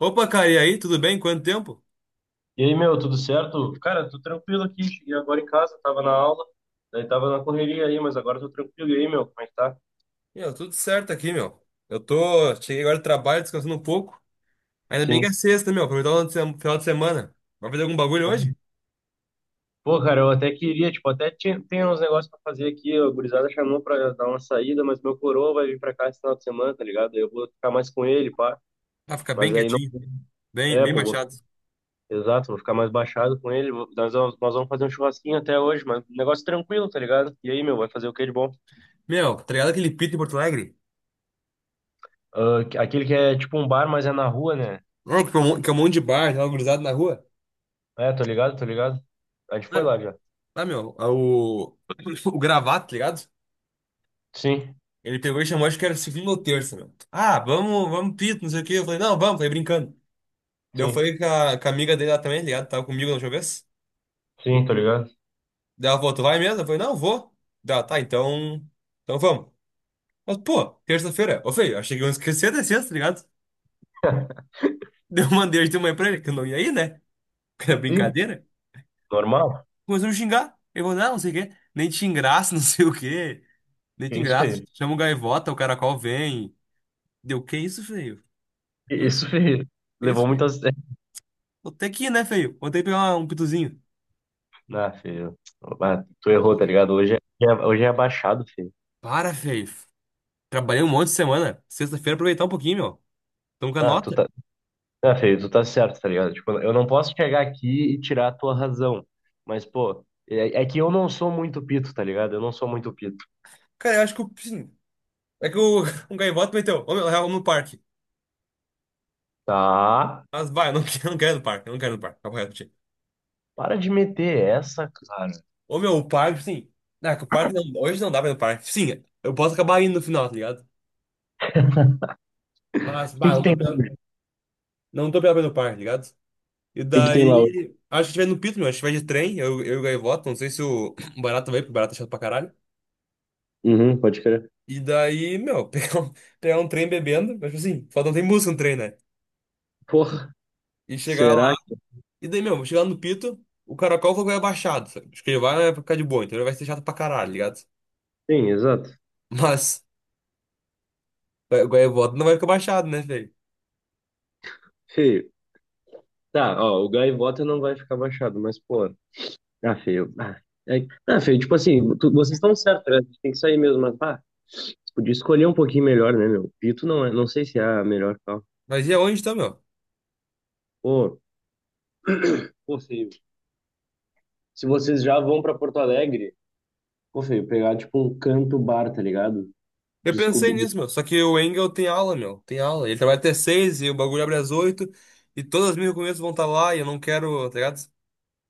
Opa, cara, e aí, tudo bem? Quanto tempo? E aí, meu, tudo certo? Cara, tô tranquilo aqui. Cheguei agora em casa, tava na aula, daí tava na correria aí, mas agora tô tranquilo. E aí, meu, como é que tá? Meu, tudo certo aqui, meu. Eu tô. Cheguei agora do trabalho, descansando um pouco. Ainda bem que Sim. é sexta, meu. Aproveitar o final de semana. Vai fazer algum bagulho Pô, hoje? pô, cara, eu até queria, tipo, até tinha, tem uns negócios pra fazer aqui. A gurizada chamou pra dar uma saída, mas meu coroa vai vir pra cá esse final de semana, tá ligado? Aí eu vou ficar mais com ele, pá. Vai ficar bem Mas aí não. quietinho. Bem, É, bem pô, vou ficar. baixado. Exato, vou ficar mais baixado com ele. Nós vamos fazer um churrasquinho até hoje, mas um negócio tranquilo, tá ligado? E aí, meu, vai fazer o que de bom? Meu, tá ligado aquele pito em Porto Alegre? Ah, aquele que é tipo um bar, mas é na rua, né? Não, que é um monte de bar, tava gurizado na rua. É, tô ligado. A gente foi Ah, lá já. O. O gravata, tá ligado? Sim, Ele pegou e chamou, acho que era segunda ou terça, meu. Ah, vamos pito, não sei o quê. Eu falei, não, vamos, falei brincando. Daí eu sim, falei com com a amiga dele lá também, tá ligado? Tava comigo na última vez. sim, tô ligado. Dela falou, tu vai mesmo? Eu falei, não, vou. Dela, tá, então. Então vamos. Mas, pô, terça-feira. Ô, feio, achei que eu esqueci da sexta, tá ligado? Deu uma hoje de manhã pra ele, que eu não ia ir, né? Porque era Sim, brincadeira. normal. Começou a me xingar. Ele falou, não, não sei o quê. Nem te engraça, não sei o quê. Nem Que te isso, engraça. feio. Chama o gaivota, o caracol vem. Deu, que isso, feio? Que Que isso? isso, feio. Que isso, Levou muito feio? a sério. Vou ter que ir, né, feio? Vou ter que pegar um pituzinho. Ah, filho. Ah, tu errou, tá ligado? Hoje é abaixado, filho. Para, feio. Trabalhei um monte de semana. Sexta-feira aproveitar um pouquinho, meu. Tamo com a Ah, tu nota. tá, ah, filho, tu tá certo, tá ligado? Tipo, eu não posso chegar aqui e tirar a tua razão. Mas, pô, é que eu não sou muito pito, tá ligado? Eu não sou muito pito. Cara, eu acho que eu, sim. É que o, um gaivota meteu, ô meu, real, no parque. Tá? Mas vai, eu não quero, eu não quero no parque, papo reto, pra ti. Para de meter essa, cara. Ô meu, o parque, sim. Não, é que o parque não, hoje não dá pra ir no parque. Sim, eu posso acabar indo no final, tá ligado? Mas, bah, O não tô preparado pra ir no parque, tá ligado? E que que tem lá hoje? daí, acho que a gente vai no Pito, meu, a gente vai de trem, eu e o gaivota, não sei se o o vai, porque o Barata é chato pra caralho. Uhum, pode crer. E daí, meu, pegar um trem bebendo, mas tipo assim, só não tem música no trem, né? Porra, E chegar lá. será? E daí, meu, chegando no Pito, o caracol foi Goiaba baixado, sabe? Acho que ele vai ficar de boa, então ele vai ser chato pra caralho, tá ligado? Sim, exato. Mas o Goiabota não vai ficar baixado, né, velho? Feio. Tá, ó, o Gaivota não vai ficar baixado, mas, pô, ah, feio. É, ah, feio, tipo assim, vocês estão certos, né? A gente tem que sair mesmo, mas, pá, você podia escolher um pouquinho melhor, né, meu? Pito não é, não sei se é a melhor tal. Mas e aonde tá, meu? Pô, pô, feio. Se vocês já vão pra Porto Alegre, pô, feio, pegar, tipo, um canto bar, tá ligado? Eu pensei Descobrir. nisso, meu. Só que o Engel tem aula, meu. Tem aula. Ele trabalha até 6 e o bagulho abre às 8. E todas as minhas recomendações vão estar lá e eu não quero, tá ligado?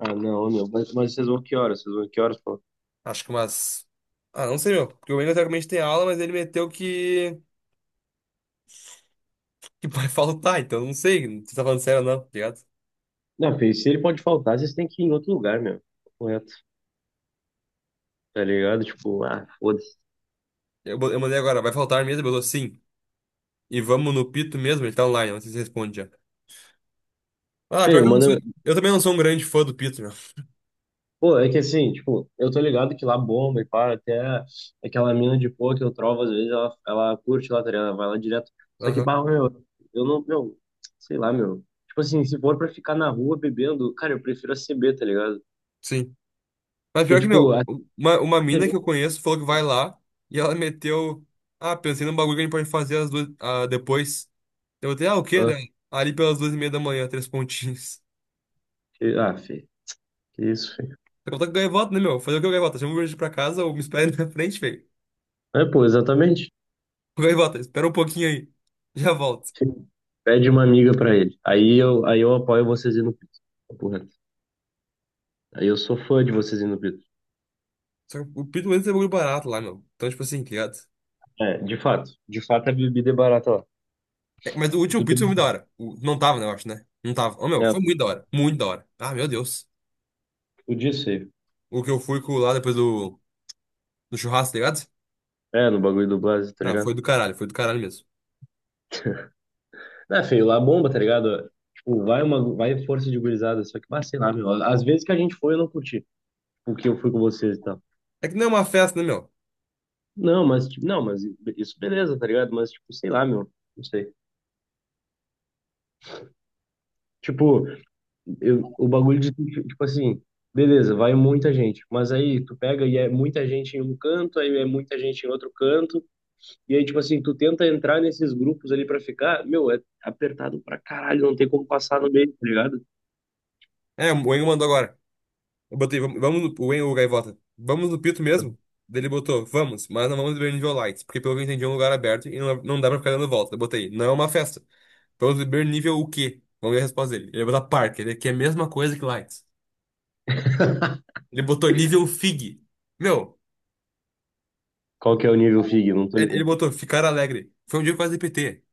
Ah, não, meu, mas vocês vão que horas? Vocês vão que horas, pô? Acho que umas. Ah, não sei, meu. Porque o Engel teoricamente tem aula, mas ele meteu que vai faltar, então não sei se tá falando sério ou não, tá ligado? Não, feio, se ele pode faltar, vocês têm que ir em outro lugar, meu. Correto, tá ligado? Tipo, ah, foda-se. Eu mandei agora, vai faltar mesmo? Ele botou sim. E vamos no Pito mesmo? Ele tá online, não sei se responde já. Ah, pior Feio, que eu não sou. manda. Eu também não sou um grande fã do Pito, meu. Pô, é que assim, tipo, eu tô ligado que lá bomba e para até aquela mina de pô que eu trovo, às vezes ela curte lá, tá ligado? Ela vai lá direto. Só que, Aham, pá, meu, eu não, meu, sei lá, meu. Tipo assim, se for pra ficar na rua bebendo, cara, eu prefiro a CB, tá ligado? sim. Mas Porque, pior que, tipo, meu, a uma mina CB. que eu conheço falou que vai lá e ela meteu. Ah, pensei num bagulho que a gente pode fazer às 2, ah, depois. Eu botei, ah, o quê, Ah, daí? Ali pelas 2:30 da manhã, três pontinhos. Ah, fi, que isso, fi. Eu tô com gaivota, né, meu? Fazer o que, o gaivota? Chama o Uber pra casa ou me espera na frente, velho? É, pô, exatamente. Ô, Gaivota, espera um pouquinho aí. Já volto. Pede uma amiga pra ele. Aí eu apoio vocês indo no Pito. Papo reto. Aí eu sou fã de vocês indo no Pito. Só que o Pito mesmo é um bagulho barato lá, meu. Então, tipo assim, tá ligado? É, de fato. De fato, a bebida é barata lá. É, mas o último Tu pito foi muito da tem. hora. O- Não tava, né, eu acho, né? Não tava. Ô, meu, É, foi muito da hora. Muito da hora. Ah, meu Deus. tu disse aí. O que eu fui com lá depois do, do churrasco, tá ligado? É, no bagulho do Blase, tá Não, ligado? Foi do caralho mesmo. É, feio, lá bomba, tá ligado? Tipo, vai força de gurizada, só que, ah, sei lá, meu, às vezes que a gente foi, eu não curti, porque eu fui com vocês e tal. É que não é uma festa, né, meu? Não, mas isso beleza, tá ligado? Mas, tipo, sei lá, meu, não sei. Tipo, eu, o bagulho de, tipo assim, beleza, vai muita gente, mas aí tu pega e é muita gente em um canto, aí é muita gente em outro canto, e aí, tipo assim, tu tenta entrar nesses grupos ali pra ficar, meu, é apertado pra caralho, não tem como passar no meio, tá ligado? É, o Engo mandou agora. Eu botei, vamos no, o Engo, o Gaivota. Vamos no pito mesmo? Daí ele botou, vamos, mas não vamos beber nível light, porque pelo que eu entendi é um lugar aberto e não, não dá pra ficar dando volta. Eu botei, não é uma festa. Vamos beber nível o quê? Vamos ver a resposta dele. Ele botou parque, ele é que é a mesma coisa que light. Ele botou nível fig. Meu. Qual que é o nível FIG? Não tô Ele ligado. botou, ficar alegre. Foi um dia que eu quase de PT.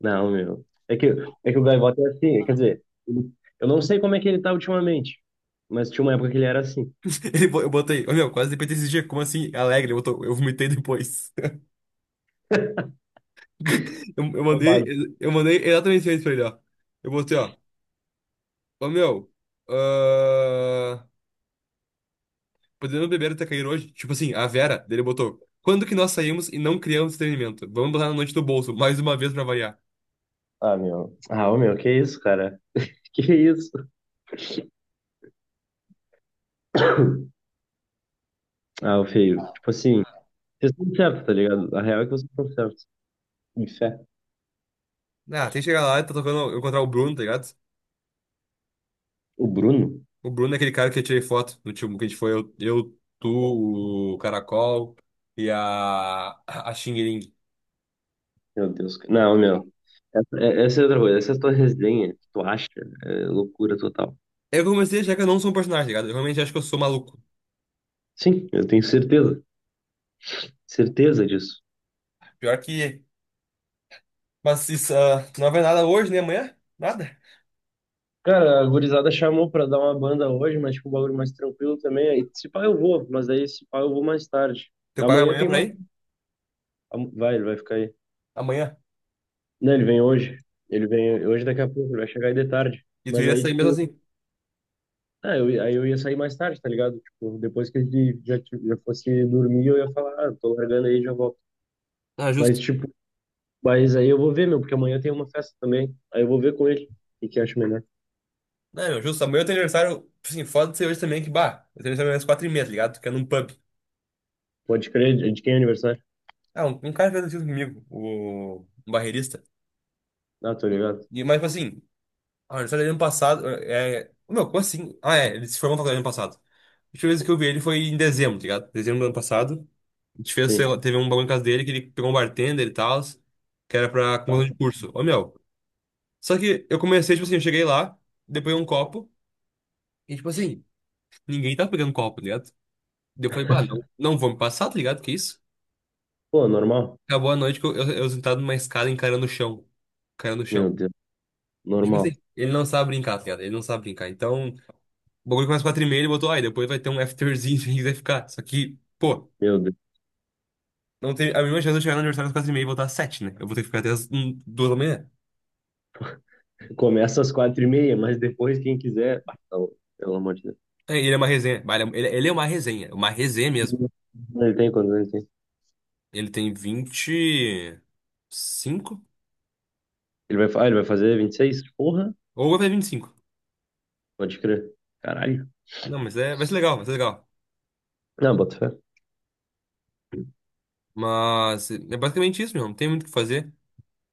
Não, meu. É que o Gaivota é assim, quer dizer, eu não sei como é que ele tá ultimamente, mas tinha uma época que ele era assim. Eu botei, ô meu, quase de PT esse dia, como assim? Alegre, ele botou, eu vomitei depois. Eu, eu mandei, Roubado. eu mandei exatamente isso pra ele, ó. Eu botei, ó, ô meu, ah, podemos beber até cair hoje? Tipo assim, a Vera, dele botou, quando que nós saímos e não criamos entretenimento? Vamos botar na noite do bolso, mais uma vez pra variar. Ah, meu. Ah, ô, meu, que isso, cara? Que isso? Ah, o feio. Tipo assim, vocês estão certos, tá ligado? A real é que vocês estão certos. De fé. Ah, tem que chegar lá e tá tocando, encontrar o Bruno, tá ligado? O Bruno? O Bruno é aquele cara que eu tirei foto do time que a gente foi, eu, tu, o Caracol e a Xing Ling. Meu Deus, cara. Não, meu. Essa é outra coisa. Essa é a tua resenha que tu acha é loucura total. Eu comecei a achar que eu não sou um personagem, tá ligado? Eu realmente acho que eu sou maluco. Sim, eu tenho certeza. Certeza disso. Pior que. Mas isso, ah, tu não vai nada hoje, nem amanhã? Nada. Cara, a gurizada chamou pra dar uma banda hoje, mas tipo, um bagulho mais tranquilo também. Aí, se pá, eu vou, mas aí se pá, eu vou mais tarde. Teu pai vai Amanhã amanhã tem pra uma. ir? Vai, ele vai ficar aí. Amanhã. Não, ele vem hoje. Ele vem hoje daqui a pouco, ele vai chegar aí de tarde. E tu Mas ia aí, sair mesmo tipo, assim. Aí eu ia sair mais tarde, tá ligado? Tipo, depois que ele já, já fosse dormir, eu ia falar, ah, tô largando aí, já volto. Ah, Mas, justo. tipo, mas aí eu vou ver, meu, porque amanhã tem uma festa também. Aí eu vou ver com ele o que que acho melhor. Não, meu, justo. Amanhã eu tenho aniversário. Assim, foda de ser hoje também, que bah. Eu tenho aniversário às 4:30, tá ligado? Tu quer num pub. Pode crer, de quem é aniversário? Ah, um cara fez isso comigo, o um barreirista. Ah, tô ligado. E, mas, tipo assim, ah, ele saiu ano passado. É... Ô, meu, como assim? Ah, é, ele se formou na faculdade ano passado. A última vez que eu vi ele foi em dezembro, tá ligado? Dezembro do ano passado. A gente fez, sei lá, Sim. teve um bagulho em casa dele que ele pegou um bartender e tal, que era pra Tá. conclusão de curso. Ô, meu. Só que eu comecei, tipo assim, eu cheguei lá, depois um copo, e tipo assim, ninguém tava pegando copo, tá ligado? Daí eu falei, bah, não, não vou me passar, tá ligado? Que isso? Pô, normal. Acabou a noite que eu sentado numa escada encarando o chão. Encarando o Meu chão. Deus. E, tipo Normal. assim, ele não sabe brincar, tá ligado? Ele não sabe brincar. Então. O bagulho começa 4:30, ele botou, ai, depois vai ter um afterzinho, que vai ficar. Só que, pô, Meu Deus. não tem a mesma chance de eu chegar no aniversário às 4:30 e voltar às 7, né? Eu vou ter que ficar até às 2 da manhã. Começa às 4:30, mas depois quem quiser. Ah, tá louco, pelo amor de Deus. É, e ele é uma resenha. Bah, ele é uma resenha mesmo. Ele tem? Ele tem 25. Ah, ele vai fazer 26? Porra, Ou vai fazer 25. pode crer. Caralho. Não, mas é, vai ser legal, vai ser legal. Não, bota fé. Mas é basicamente isso, meu. Não tem muito o que fazer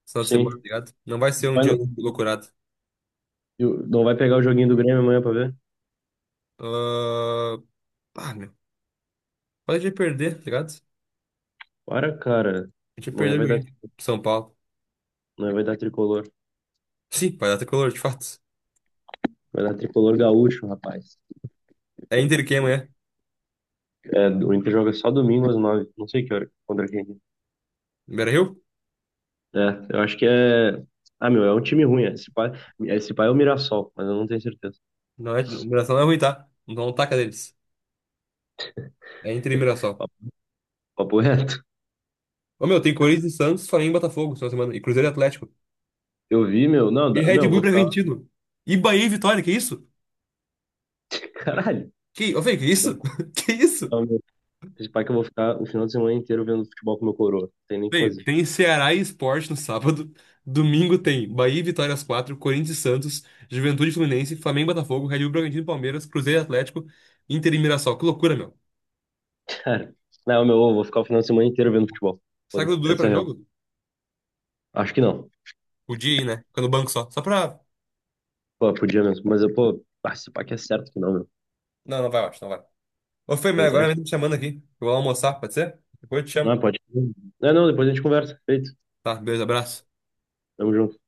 esse final de semana, tá Sim. ligado? Não vai ser um Vai dia no- loucurado. Não vai pegar o joguinho do Grêmio amanhã pra ver? Ah, ah, meu. Pode perder, tá ligado? Para, cara. A gente vai Amanhã perder o vai dar, joguinho. São Paulo. amanhã vai dar tricolor. Sim, vai dar tricolor, de fato. Vai dar tricolor gaúcho, rapaz. É Inter e quem amanhã? É, o Inter joga só domingo às 9. Não sei que hora. Contra quem. Beira-Rio? É, eu acho que é. Ah, meu, é um time ruim. Esse pai é o Mirassol, mas eu não tenho certeza. Não é, o Mirassol não é ruim, tá? Então não taca deles. É Inter e Mirassol. Papo reto. Ô, meu, tem Corinthians e Santos, Flamengo e Botafogo, essa semana. E Cruzeiro e Atlético. Eu vi, meu. Não, E dá- meu, Red eu Bull e vou ficar. Bragantino. E Bahia e Vitória, que isso? Caralho. Que, ô, velho, que isso? Que isso? Não, meu. Esse pai que eu vou ficar o final de semana inteiro vendo futebol com meu coroa. Não tem nem o que Velho, fazer. tem Ceará e Sport no sábado. Domingo tem Bahia e Vitória às 4, Corinthians e Santos, Juventude e Fluminense, Flamengo e Botafogo, Red Bull e Bragantino e Palmeiras, Cruzeiro e Atlético, Inter e Mirassol. Que loucura, meu. Cara. Não, meu, eu vou ficar o final de semana inteiro vendo futebol. Será que o Foda-se. Dudu vai Essa é pra a real. jogo? Acho que não. Podia ir, né? Fica no banco só. Só pra. Pô, podia mesmo. Mas eu, pô, ah, esse pai que é certo que não, meu. Não, não vai, eu acho, não vai. Ô, Fê, mas Pois é. agora mesmo me chamando aqui. Eu vou almoçar, pode ser? Depois eu te Não, chamo. pode. Não, não, depois a gente conversa. Feito. Tá, beijo, abraço. Tamo junto.